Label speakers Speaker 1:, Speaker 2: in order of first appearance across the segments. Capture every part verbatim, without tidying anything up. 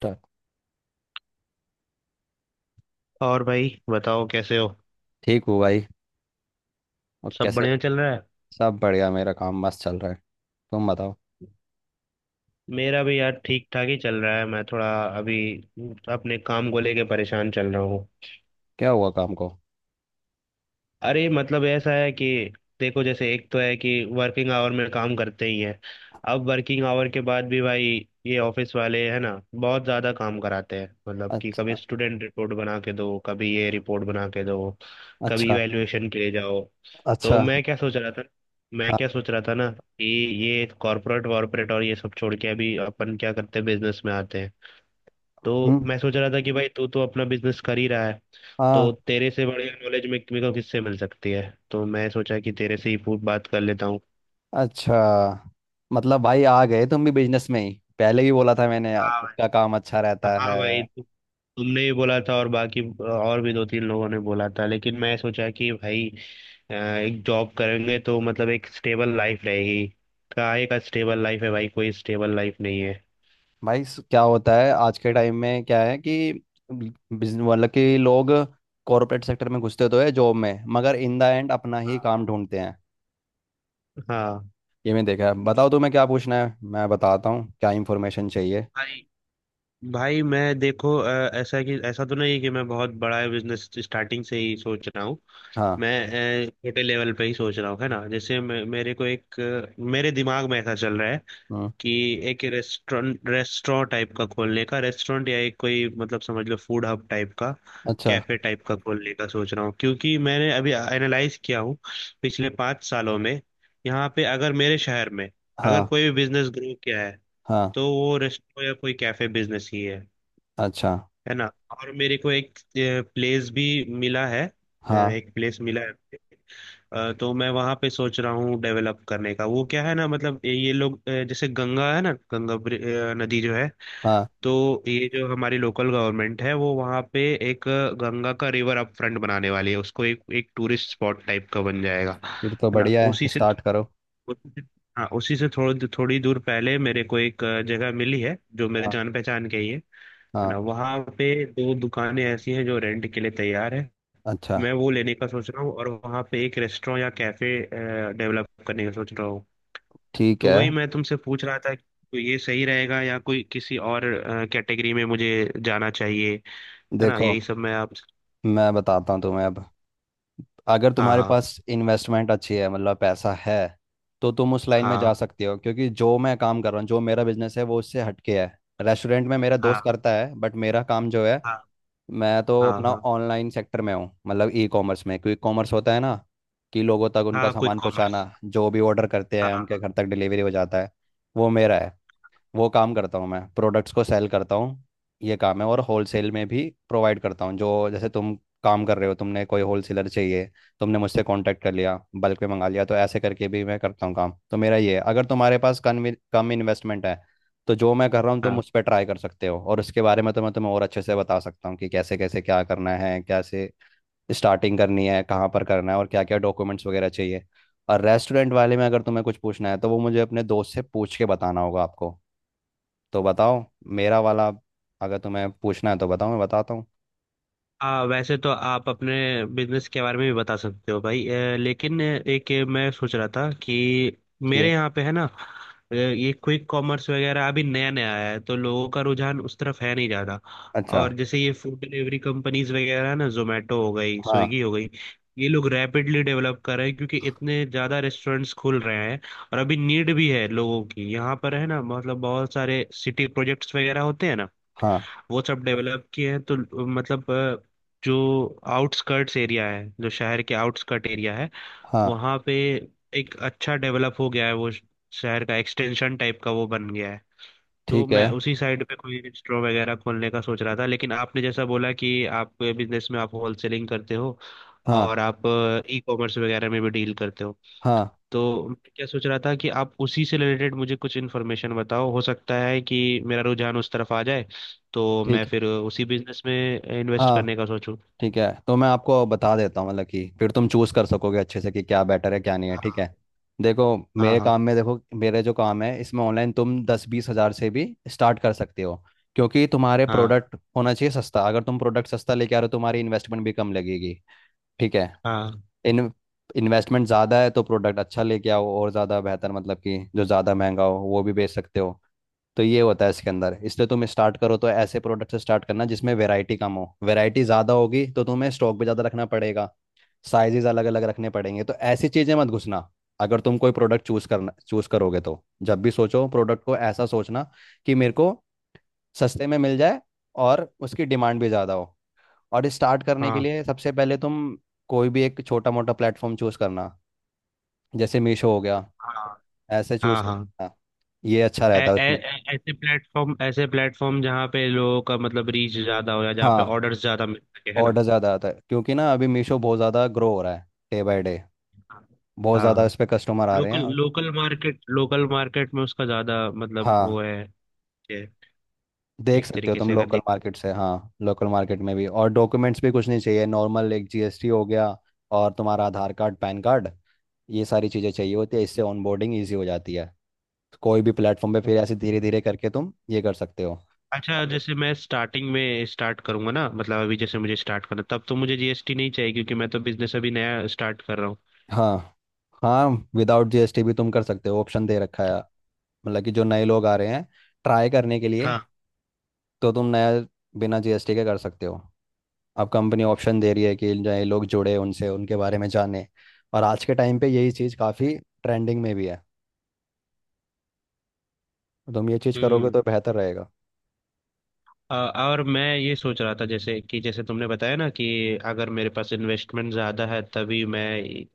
Speaker 1: ता-
Speaker 2: और भाई बताओ कैसे हो।
Speaker 1: ठीक हूँ भाई। और
Speaker 2: सब
Speaker 1: कैसे?
Speaker 2: बढ़िया चल रहा है।
Speaker 1: सब बढ़िया, मेरा काम मस्त चल रहा है। तुम बताओ।
Speaker 2: मेरा भी यार ठीक ठाक ही चल रहा है, मैं थोड़ा अभी अपने काम को लेके परेशान चल रहा हूँ।
Speaker 1: क्या हुआ काम को?
Speaker 2: अरे मतलब ऐसा है कि देखो जैसे एक तो है कि वर्किंग आवर में काम करते ही हैं, अब वर्किंग आवर के बाद भी भाई ये ऑफिस वाले है ना बहुत ज़्यादा काम कराते हैं। मतलब कि कभी
Speaker 1: अच्छा।
Speaker 2: स्टूडेंट रिपोर्ट बना के दो, कभी ये रिपोर्ट बना के दो, कभी
Speaker 1: अच्छा।
Speaker 2: इवैल्यूएशन के लिए जाओ।
Speaker 1: अच्छा।
Speaker 2: तो मैं क्या सोच रहा था, मैं
Speaker 1: हाँ।
Speaker 2: क्या सोच रहा था ना कि ये कॉर्पोरेट वॉर्पोरेट और ये सब छोड़ के अभी अपन क्या करते हैं, बिजनेस में आते हैं। तो
Speaker 1: हम्म।
Speaker 2: मैं सोच रहा था कि भाई तू तो अपना बिजनेस कर ही रहा है, तो
Speaker 1: हाँ।
Speaker 2: तेरे से बढ़िया नॉलेज में मेरे को किससे मिल सकती है। तो मैं सोचा कि तेरे से ही पूछ बात कर लेता हूँ।
Speaker 1: अच्छा, मतलब भाई आ गए तुम भी बिजनेस में ही। पहले ही बोला था मैंने यार,
Speaker 2: हाँ
Speaker 1: खुद का
Speaker 2: भाई।
Speaker 1: काम अच्छा रहता
Speaker 2: हाँ
Speaker 1: है।
Speaker 2: भाई तु, तुमने भी बोला था और बाकी और भी दो तीन लोगों ने बोला था, लेकिन मैं सोचा कि भाई अ, एक जॉब करेंगे तो मतलब एक स्टेबल लाइफ रहेगी। कहाँ एक स्टेबल लाइफ है भाई, कोई स्टेबल लाइफ नहीं है।
Speaker 1: भाई स- क्या होता है आज के टाइम में, क्या है कि बिजनेस मतलब कि लोग कॉरपोरेट सेक्टर में घुसते तो है जॉब में, मगर इन द एंड अपना ही काम ढूंढते हैं।
Speaker 2: हाँ
Speaker 1: ये मैं देखा है। बताओ तुम्हें क्या पूछना है, मैं बताता हूँ क्या इंफॉर्मेशन चाहिए।
Speaker 2: भाई। भाई मैं देखो अ, ऐसा कि ऐसा तो नहीं है कि मैं बहुत बड़ा बिजनेस स्टार्टिंग से ही सोच रहा हूँ।
Speaker 1: हाँ।
Speaker 2: मैं अ, छोटे लेवल पे ही सोच रहा हूँ, है ना। जैसे मे- मेरे को एक अ, मेरे दिमाग में ऐसा चल रहा है
Speaker 1: हम्म।
Speaker 2: कि एक रेस्टोरेंट रेस्टोरेंट टाइप का खोलने का, रेस्टोरेंट या एक कोई मतलब समझ लो फूड हब टाइप का,
Speaker 1: अच्छा।
Speaker 2: कैफे टाइप का खोलने का सोच रहा हूँ। क्योंकि मैंने अभी एनालाइज किया हूँ, पिछले पाँच सालों में यहाँ पे अगर मेरे शहर में अगर
Speaker 1: हाँ।
Speaker 2: कोई भी बिजनेस ग्रो किया है
Speaker 1: हाँ।
Speaker 2: तो वो रेस्टोरेंट या कोई कैफे बिजनेस ही है
Speaker 1: अच्छा।
Speaker 2: है ना। और मेरे को एक प्लेस भी मिला है। अ,
Speaker 1: हाँ।
Speaker 2: एक प्लेस मिला है। अ, तो मैं वहाँ पे सोच रहा हूँ डेवलप करने का। वो क्या है ना मतलब ये लोग अ, जैसे गंगा है ना, गंगा ब्रि- अ, नदी जो है,
Speaker 1: हाँ,
Speaker 2: तो ये जो हमारी लोकल गवर्नमेंट है वो वहाँ पे एक अ, गंगा का रिवर अप फ्रंट बनाने वाली है, उसको एक एक टूरिस्ट स्पॉट टाइप का बन जाएगा,
Speaker 1: फिर तो
Speaker 2: है ना,
Speaker 1: बढ़िया है,
Speaker 2: उसी से।
Speaker 1: स्टार्ट करो।
Speaker 2: उसी से- हाँ उसी से थोड़ी थोड़ी दूर पहले मेरे को एक अ, जगह मिली है जो मेरे
Speaker 1: हाँ।
Speaker 2: जान पहचान के ही है है ना।
Speaker 1: हाँ।
Speaker 2: वहाँ पे दो दुकानें ऐसी हैं जो रेंट के लिए तैयार है।
Speaker 1: अच्छा।
Speaker 2: मैं वो लेने का सोच रहा हूँ और वहाँ पे एक रेस्टोरेंट या कैफे डेवलप करने का सोच रहा हूँ।
Speaker 1: ठीक
Speaker 2: तो
Speaker 1: है।
Speaker 2: वही मैं तुमसे पूछ रहा था कि तो ये सही रहेगा या कोई किसी और कैटेगरी में मुझे जाना चाहिए, है ना।
Speaker 1: देखो,
Speaker 2: यही सब मैं आप।
Speaker 1: मैं बताता हूँ तुम्हें अब। अगर
Speaker 2: हाँ
Speaker 1: तुम्हारे
Speaker 2: हाँ।
Speaker 1: पास इन्वेस्टमेंट अच्छी है, मतलब पैसा है, तो तुम उस लाइन में जा
Speaker 2: हाँ
Speaker 1: सकती हो, क्योंकि जो मैं काम कर रहा हूँ, जो मेरा बिजनेस है वो उससे हटके है। रेस्टोरेंट में मेरा
Speaker 2: हाँ।
Speaker 1: दोस्त करता है, बट मेरा काम जो है,
Speaker 2: हाँ
Speaker 1: मैं तो
Speaker 2: हाँ।
Speaker 1: अपना
Speaker 2: हाँ
Speaker 1: ऑनलाइन सेक्टर में हूँ, मतलब ई कॉमर्स में। क्विक कॉमर्स होता है ना, कि लोगों तक उनका
Speaker 2: हाँ क्विक
Speaker 1: सामान पहुँचाना,
Speaker 2: कॉमर्स।
Speaker 1: जो भी ऑर्डर करते
Speaker 2: हाँ
Speaker 1: हैं
Speaker 2: quick commerce,
Speaker 1: उनके
Speaker 2: हाँ।
Speaker 1: घर तक डिलीवरी हो जाता है। वो मेरा है, वो काम करता हूँ मैं। प्रोडक्ट्स को सेल करता हूँ, ये काम है। और होलसेल में भी प्रोवाइड करता हूँ। जो जैसे तुम काम कर रहे हो, तुमने कोई होलसेलर चाहिए, तुमने मुझसे कांटेक्ट कर लिया, बल्क में मंगा लिया, तो ऐसे करके भी मैं करता हूँ। काम तो मेरा ये है। अगर तुम्हारे पास कम कम इन्वेस्टमेंट है तो जो मैं कर रहा हूँ तुम
Speaker 2: हाँ।
Speaker 1: उस पर ट्राई कर सकते हो। और उसके बारे में तो मैं तुम्हें और अच्छे से बता सकता हूँ कि कैसे कैसे क्या करना है, कैसे स्टार्टिंग करनी है, कहाँ पर करना है, और क्या क्या डॉक्यूमेंट्स वगैरह चाहिए। और रेस्टोरेंट वाले में अगर तुम्हें कुछ पूछना है तो वो मुझे अपने दोस्त से पूछ के बताना होगा आपको। तो बताओ मेरा वाला, अगर तुम्हें पूछना है तो बताओ मैं बताता हूँ
Speaker 2: आ, वैसे तो आप अपने बिजनेस के बारे में भी बता सकते हो भाई। अ, लेकिन एक ये मैं सोच रहा था कि
Speaker 1: कि।
Speaker 2: मेरे यहाँ पे है ना अ, ये क्विक कॉमर्स वगैरह अभी नया नया आया है तो लोगों का रुझान उस तरफ है नहीं ज़्यादा।
Speaker 1: अच्छा।
Speaker 2: और जैसे ये फूड डिलीवरी कंपनीज वगैरह है ना, जोमेटो हो गई,
Speaker 1: हाँ।
Speaker 2: स्विगी हो गई, ये लोग रैपिडली डेवलप कर रहे हैं क्योंकि इतने ज़्यादा रेस्टोरेंट्स खुल रहे हैं। और अभी नीड भी है लोगों की यहाँ पर, है ना। मतलब बहुत सारे सिटी प्रोजेक्ट्स वगैरह होते हैं ना,
Speaker 1: हाँ।
Speaker 2: वो सब डेवलप किए हैं। तो मतलब अ, जो आउटस्कर्ट्स एरिया है, जो शहर के आउटस्कर्ट एरिया है,
Speaker 1: हाँ।
Speaker 2: वहाँ पे एक अच्छा डेवलप हो गया है, वो श- शहर का एक्सटेंशन टाइप का वो बन गया है। तो
Speaker 1: ठीक है।
Speaker 2: मैं उसी साइड पे कोई रेस्टोरेंट वगैरह खोलने का सोच रहा था, लेकिन आपने जैसा बोला कि आप बिजनेस में आप होलसेलिंग करते हो
Speaker 1: हाँ।
Speaker 2: और आप ई कॉमर्स वगैरह में भी डील करते हो।
Speaker 1: हाँ।
Speaker 2: तो मैं क्या सोच रहा था कि आप उसी से रिलेटेड मुझे कुछ इन्फॉर्मेशन बताओ, हो सकता है कि मेरा रुझान उस तरफ आ जाए, तो मैं
Speaker 1: ठीक है।
Speaker 2: फिर उसी बिजनेस में इन्वेस्ट
Speaker 1: हाँ।
Speaker 2: करने का सोचूं।
Speaker 1: ठीक है, तो मैं आपको बता देता हूँ, मतलब कि फिर तुम चूज़ कर सकोगे अच्छे से कि क्या बेटर है, क्या नहीं है। ठीक
Speaker 2: हाँ
Speaker 1: है? देखो,
Speaker 2: हाँ।
Speaker 1: मेरे
Speaker 2: हाँ
Speaker 1: काम में, देखो मेरे जो काम है, इसमें ऑनलाइन तुम दस बीस हज़ार से भी स्टार्ट कर सकते हो। क्योंकि तुम्हारे
Speaker 2: हाँ।
Speaker 1: प्रोडक्ट होना चाहिए सस्ता। अगर तुम प्रोडक्ट सस्ता लेके आ रहे हो तुम्हारी इन्वेस्टमेंट भी कम लगेगी, ठीक है?
Speaker 2: हाँ
Speaker 1: इन इन्वेस्टमेंट ज़्यादा है तो प्रोडक्ट अच्छा लेके आओ और ज़्यादा बेहतर, मतलब कि जो ज़्यादा महंगा हो वो भी बेच सकते हो। तो ये होता है इसके अंदर। इसलिए तुम स्टार्ट करो तो ऐसे प्रोडक्ट से स्टार्ट करना जिसमें वैरायटी कम हो। वैरायटी ज़्यादा होगी तो तुम्हें स्टॉक भी ज़्यादा रखना पड़ेगा, साइजेस अलग अलग रखने पड़ेंगे, तो ऐसी चीज़ें मत घुसना। अगर तुम कोई प्रोडक्ट चूज करना चूज करोगे तो जब भी सोचो प्रोडक्ट को ऐसा सोचना कि मेरे को सस्ते में मिल जाए और उसकी डिमांड भी ज़्यादा हो। और स्टार्ट करने के
Speaker 2: हाँ।
Speaker 1: लिए सबसे पहले तुम कोई भी एक छोटा मोटा प्लेटफॉर्म चूज करना, जैसे मीशो हो गया, ऐसे चूज
Speaker 2: हाँ हाँ हाँ।
Speaker 1: करना। ये अच्छा
Speaker 2: ऐ-
Speaker 1: रहता है
Speaker 2: ऐ-
Speaker 1: उसमें।
Speaker 2: ऐ- ऐसे प्लेटफॉर्म, ऐसे प्लेटफॉर्म जहाँ पे लोगों का मतलब रीच ज्यादा हो या जहाँ पे
Speaker 1: हाँ,
Speaker 2: ऑर्डर्स ज्यादा मिल सके, है ना।
Speaker 1: ऑर्डर ज़्यादा आता है, क्योंकि ना अभी मीशो बहुत ज़्यादा ग्रो हो रहा है डे बाय डे। बहुत ज़्यादा
Speaker 2: हाँ
Speaker 1: इस पे कस्टमर आ रहे हैं।
Speaker 2: लोकल
Speaker 1: और
Speaker 2: लोकल मार्केट, लोकल मार्केट में उसका ज्यादा मतलब वो
Speaker 1: हाँ,
Speaker 2: है है,
Speaker 1: देख
Speaker 2: एक
Speaker 1: सकते हो
Speaker 2: तरीके
Speaker 1: तुम
Speaker 2: से अगर
Speaker 1: लोकल
Speaker 2: देखा।
Speaker 1: मार्केट से, हाँ लोकल मार्केट में भी। और डॉक्यूमेंट्स भी कुछ नहीं चाहिए, नॉर्मल एक जी एस टी हो गया और तुम्हारा आधार कार्ड, पैन कार्ड, ये सारी चीज़ें चाहिए होती है। इससे ऑनबोर्डिंग ईजी हो जाती है कोई भी प्लेटफॉर्म पे। फिर ऐसे धीरे धीरे करके तुम ये कर सकते हो।
Speaker 2: अच्छा जैसे मैं स्टार्टिंग में स्टार्ट करूंगा ना, मतलब अभी जैसे मुझे स्टार्ट करना, तब तो मुझे जीएसटी नहीं चाहिए क्योंकि मैं तो बिजनेस अभी नया स्टार्ट कर रहा हूँ।
Speaker 1: हाँ। हाँ, विदाउट जी एस टी भी तुम कर सकते हो, ऑप्शन दे रखा है, मतलब कि जो नए लोग आ रहे हैं ट्राई करने के लिए,
Speaker 2: हाँ।
Speaker 1: तो तुम नया बिना जी एस टी के कर सकते हो। अब कंपनी ऑप्शन दे रही है कि नए लोग जुड़े, उनसे उनके बारे में जाने। और आज के टाइम पे यही चीज़ काफ़ी ट्रेंडिंग में भी है। तुम ये चीज़ करोगे
Speaker 2: हम्म।
Speaker 1: तो बेहतर रहेगा।
Speaker 2: अ, और मैं ये सोच रहा था जैसे कि जैसे तुमने बताया ना कि अगर मेरे पास इन्वेस्टमेंट ज़्यादा है तभी मैं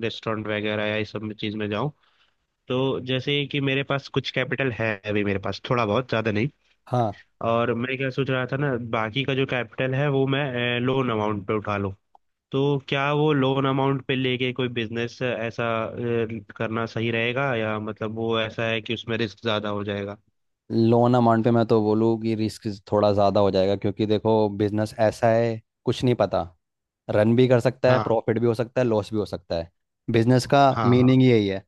Speaker 2: रेस्टोरेंट वगैरह या इस सब में चीज़ में जाऊं। तो जैसे कि मेरे पास कुछ कैपिटल है अभी, मेरे पास थोड़ा बहुत ज़्यादा नहीं।
Speaker 1: हाँ,
Speaker 2: और मैं क्या सोच रहा था ना, बाकी का जो कैपिटल है वो मैं लोन अमाउंट पे उठा लूं। तो क्या वो लोन अमाउंट पे लेके कोई बिजनेस ऐसा अ, करना सही रहेगा, या मतलब वो ऐसा है कि उसमें रिस्क ज्यादा हो जाएगा।
Speaker 1: लोन अमाउंट पे मैं तो बोलूँ कि रिस्क थोड़ा ज़्यादा हो जाएगा, क्योंकि देखो बिजनेस ऐसा है, कुछ नहीं पता। रन भी कर सकता है,
Speaker 2: हाँ
Speaker 1: प्रॉफिट भी हो सकता है, लॉस भी हो सकता है। बिजनेस का
Speaker 2: हाँ। हाँ।
Speaker 1: मीनिंग यही है।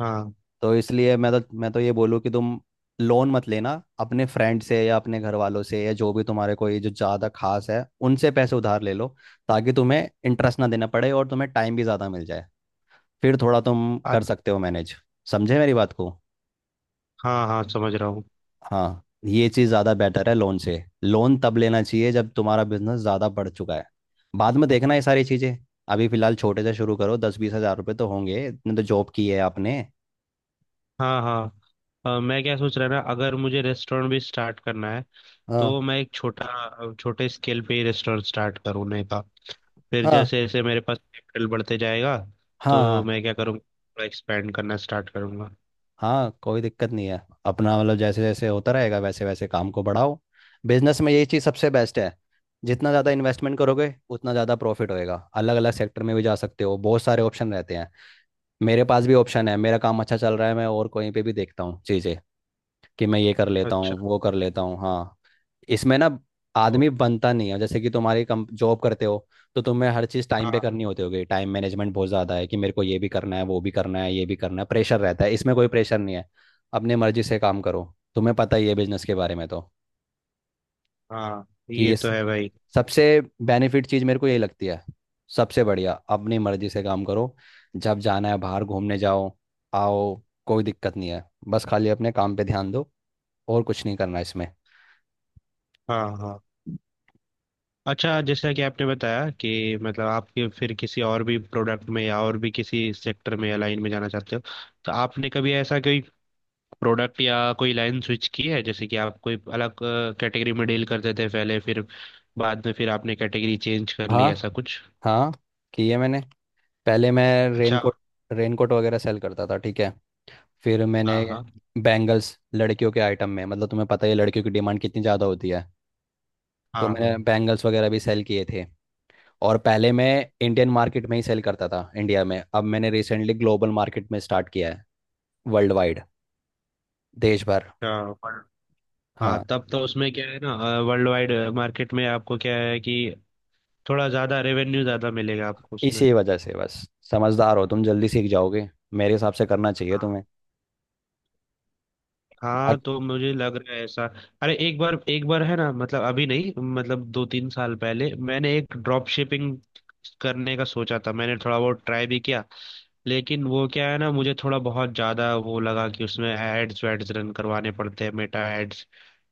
Speaker 2: हाँ
Speaker 1: तो इसलिए मैं तो मैं तो ये बोलूँ कि तुम लोन मत लेना। अपने फ्रेंड से या अपने घर वालों से या जो भी तुम्हारे कोई जो ज़्यादा खास है उनसे पैसे उधार ले लो, ताकि तुम्हें इंटरेस्ट ना देना पड़े और तुम्हें टाइम भी ज़्यादा मिल जाए, फिर थोड़ा तुम
Speaker 2: अ-
Speaker 1: कर सकते हो मैनेज। समझे मेरी बात को?
Speaker 2: हाँ हाँ, समझ रहा हूँ।
Speaker 1: हाँ, ये चीज़ ज़्यादा बेटर है लोन से। लोन तब लेना चाहिए जब तुम्हारा बिजनेस ज़्यादा बढ़ चुका है, बाद में देखना ये सारी चीज़ें। अभी फ़िलहाल छोटे से शुरू करो, दस बीस हज़ार रुपये तो होंगे, इतने तो जॉब की है आपने।
Speaker 2: हाँ हाँ। अ, मैं क्या सोच रहा ना, अगर मुझे रेस्टोरेंट भी स्टार्ट करना है
Speaker 1: हाँ।
Speaker 2: तो मैं एक छोटा अ, छोटे स्केल पे ही रेस्टोरेंट स्टार्ट करूँने का। फिर
Speaker 1: हाँ।
Speaker 2: जैसे जैसे मेरे पास कैपिटल बढ़ते जाएगा
Speaker 1: हाँ।
Speaker 2: तो
Speaker 1: हाँ।
Speaker 2: मैं क्या करूँगा, थोड़ा एक्सपेंड करना स्टार्ट करूँगा।
Speaker 1: हाँ, कोई दिक्कत नहीं है। अपना मतलब जैसे जैसे होता रहेगा वैसे वैसे काम को बढ़ाओ। बिजनेस में यही चीज़ सबसे बेस्ट है। जितना ज़्यादा इन्वेस्टमेंट करोगे उतना ज़्यादा प्रॉफिट होएगा। अलग अलग सेक्टर में भी जा सकते हो, बहुत सारे ऑप्शन रहते हैं। मेरे पास भी ऑप्शन है, मेरा काम अच्छा चल रहा है, मैं और कहीं पे भी देखता हूँ चीज़ें कि मैं ये कर लेता
Speaker 2: अच्छा।
Speaker 1: हूँ, वो कर लेता हूँ। हाँ, इसमें ना
Speaker 2: तो-
Speaker 1: आदमी बनता नहीं है। जैसे कि तुम्हारी कम जॉब करते हो तो तुम्हें हर चीज़ टाइम पे
Speaker 2: हाँ
Speaker 1: करनी होती होगी, टाइम मैनेजमेंट बहुत ज़्यादा है कि मेरे को ये भी करना है, वो भी करना है, ये भी करना है, प्रेशर रहता है। इसमें कोई प्रेशर नहीं है, अपने मर्जी से काम करो। तुम्हें पता ही है बिजनेस के बारे में तो,
Speaker 2: हाँ,
Speaker 1: कि
Speaker 2: ये
Speaker 1: ये
Speaker 2: तो
Speaker 1: स-
Speaker 2: है भाई।
Speaker 1: सबसे बेनिफिट चीज़ मेरे को यही लगती है। सबसे बढ़िया, अपनी मर्जी से काम करो, जब जाना है बाहर घूमने जाओ आओ, कोई दिक्कत नहीं है। बस खाली अपने काम पे ध्यान दो और कुछ नहीं करना इसमें।
Speaker 2: हाँ हाँ। अच्छा जैसा कि आपने बताया कि मतलब आप कि- फिर किसी और भी प्रोडक्ट में या और भी किसी सेक्टर में या लाइन में जाना चाहते हो, तो आपने कभी ऐसा कोई प्रोडक्ट या कोई लाइन स्विच की है, जैसे कि आप कोई अलग कैटेगरी में डील करते थे पहले, फिर बाद में फिर आपने कैटेगरी चेंज कर ली
Speaker 1: हाँ।
Speaker 2: ऐसा कुछ।
Speaker 1: हाँ, किए मैंने। पहले मैं
Speaker 2: अच्छा।
Speaker 1: रेनकोट, रेनकोट वगैरह सेल करता था, ठीक है? फिर
Speaker 2: हाँ
Speaker 1: मैंने
Speaker 2: हाँ।
Speaker 1: बैंगल्स, लड़कियों के आइटम में, मतलब तुम्हें पता ही है लड़कियों की डिमांड कितनी ज़्यादा होती है,
Speaker 2: हाँ
Speaker 1: तो
Speaker 2: हाँ।
Speaker 1: मैंने बैंगल्स वगैरह भी सेल किए थे। और पहले मैं इंडियन मार्केट में ही सेल करता था, इंडिया में। अब मैंने रिसेंटली ग्लोबल मार्केट में स्टार्ट किया है, वर्ल्ड वाइड, देश भर।
Speaker 2: अच्छा, पर- हाँ
Speaker 1: हाँ,
Speaker 2: तब तो उसमें क्या है ना, वर्ल्ड वाइड मार्केट में आपको क्या है कि थोड़ा ज़्यादा रेवेन्यू ज़्यादा मिलेगा आपको उसमें।
Speaker 1: इसी वजह से बस। समझदार हो तुम, जल्दी सीख जाओगे। मेरे हिसाब से करना चाहिए तुम्हें।
Speaker 2: हाँ
Speaker 1: बाकी-
Speaker 2: तो मुझे लग रहा है ऐसा। अरे एक बार एक बार है ना, मतलब अभी नहीं मतलब दो तीन साल पहले मैंने एक ड्रॉप शिपिंग करने का सोचा था, मैंने थोड़ा बहुत ट्राई भी किया। लेकिन वो क्या है ना, मुझे थोड़ा बहुत ज्यादा वो लगा कि उसमें एड्स वैड्स रन करवाने पड़ते हैं, मेटा एड्स।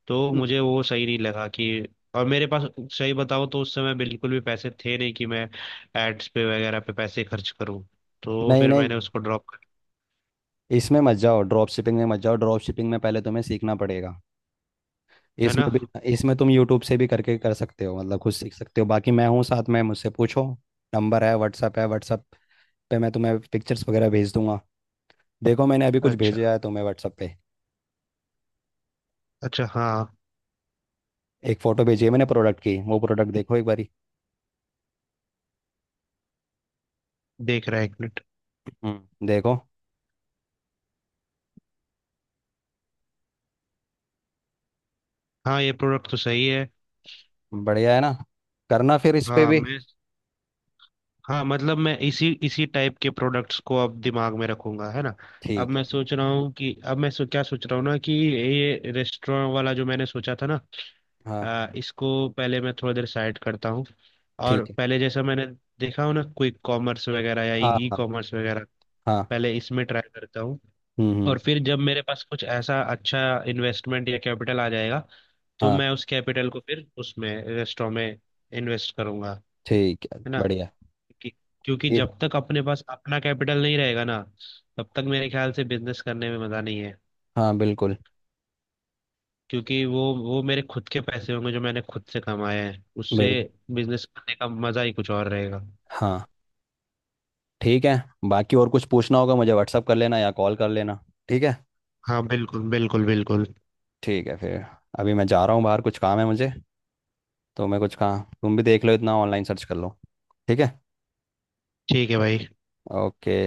Speaker 2: तो
Speaker 1: हम्म,
Speaker 2: मुझे वो सही नहीं लगा कि, और मेरे पास सही बताऊँ तो उस समय बिल्कुल भी पैसे थे नहीं कि मैं एड्स पे वगैरह पे पैसे खर्च करूँ। तो
Speaker 1: नहीं
Speaker 2: फिर
Speaker 1: नहीं,
Speaker 2: मैंने उसको ड्रॉप कर,
Speaker 1: इसमें मत जाओ, ड्रॉप शिपिंग में मत जाओ। ड्रॉप शिपिंग में पहले तुम्हें सीखना पड़ेगा,
Speaker 2: है
Speaker 1: इसमें
Speaker 2: ना।
Speaker 1: भी। इसमें तुम यूट्यूब से भी करके कर सकते हो, मतलब खुद सीख सकते हो। बाकी मैं हूँ साथ में, मुझसे पूछो। नंबर है, व्हाट्सअप है, व्हाट्सअप पे मैं तुम्हें पिक्चर्स वगैरह भेज दूंगा। देखो मैंने अभी कुछ
Speaker 2: अच्छा।
Speaker 1: भेजा है तुम्हें व्हाट्सअप पे।
Speaker 2: अच्छा हाँ।
Speaker 1: एक फ़ोटो भेजी है मैंने प्रोडक्ट की, वो प्रोडक्ट देखो एक बारी।
Speaker 2: देख रहा है एक मिनट।
Speaker 1: हम्म, देखो।
Speaker 2: हाँ ये प्रोडक्ट तो सही है।
Speaker 1: बढ़िया है ना? करना फिर इस पे
Speaker 2: हाँ
Speaker 1: भी।
Speaker 2: मैं, हाँ मतलब मैं इसी इसी टाइप के प्रोडक्ट्स को अब दिमाग में रखूंगा, है ना। अब
Speaker 1: ठीक
Speaker 2: मैं
Speaker 1: है।
Speaker 2: सोच रहा हूँ कि अब मैं सो, क्या सोच रहा हूँ ना कि ये रेस्टोरेंट वाला जो मैंने सोचा था ना
Speaker 1: हाँ।
Speaker 2: अ, इसको पहले मैं थोड़ा देर साइड करता हूँ। और
Speaker 1: ठीक है।
Speaker 2: पहले जैसा मैंने देखा हो ना, क्विक कॉमर्स वगैरह या
Speaker 1: हाँ।
Speaker 2: ई
Speaker 1: हाँ।
Speaker 2: कॉमर्स वगैरह,
Speaker 1: हाँ।
Speaker 2: पहले इसमें ट्राई करता हूँ।
Speaker 1: हम्म। हम्म।
Speaker 2: और फिर जब मेरे पास कुछ ऐसा अच्छा इन्वेस्टमेंट या कैपिटल आ जाएगा तो
Speaker 1: हाँ।
Speaker 2: मैं उस कैपिटल को फिर उसमें रेस्टोरेंट में इन्वेस्ट करूंगा,
Speaker 1: ठीक है,
Speaker 2: है ना।
Speaker 1: बढ़िया।
Speaker 2: कि- क्योंकि
Speaker 1: ये।
Speaker 2: जब तक अपने पास अपना कैपिटल नहीं रहेगा ना, तब तक मेरे ख्याल से बिजनेस करने में मजा नहीं है।
Speaker 1: हाँ, बिल्कुल,
Speaker 2: क्योंकि वो वो मेरे खुद के पैसे होंगे जो मैंने खुद से कमाए हैं, उससे
Speaker 1: बिल्कुल।
Speaker 2: बिजनेस करने का मजा ही कुछ और रहेगा।
Speaker 1: हाँ, ठीक है। बाकी और कुछ पूछना होगा मुझे व्हाट्सअप कर लेना या कॉल कर लेना, ठीक है?
Speaker 2: हाँ बिल्कुल बिल्कुल बिल्कुल।
Speaker 1: ठीक है फिर, अभी मैं जा रहा हूँ बाहर, कुछ काम है मुझे। तो मैं कुछ काम, तुम भी देख लो इतना, ऑनलाइन सर्च कर लो, ठीक है?
Speaker 2: ठीक है भाई।
Speaker 1: ओके।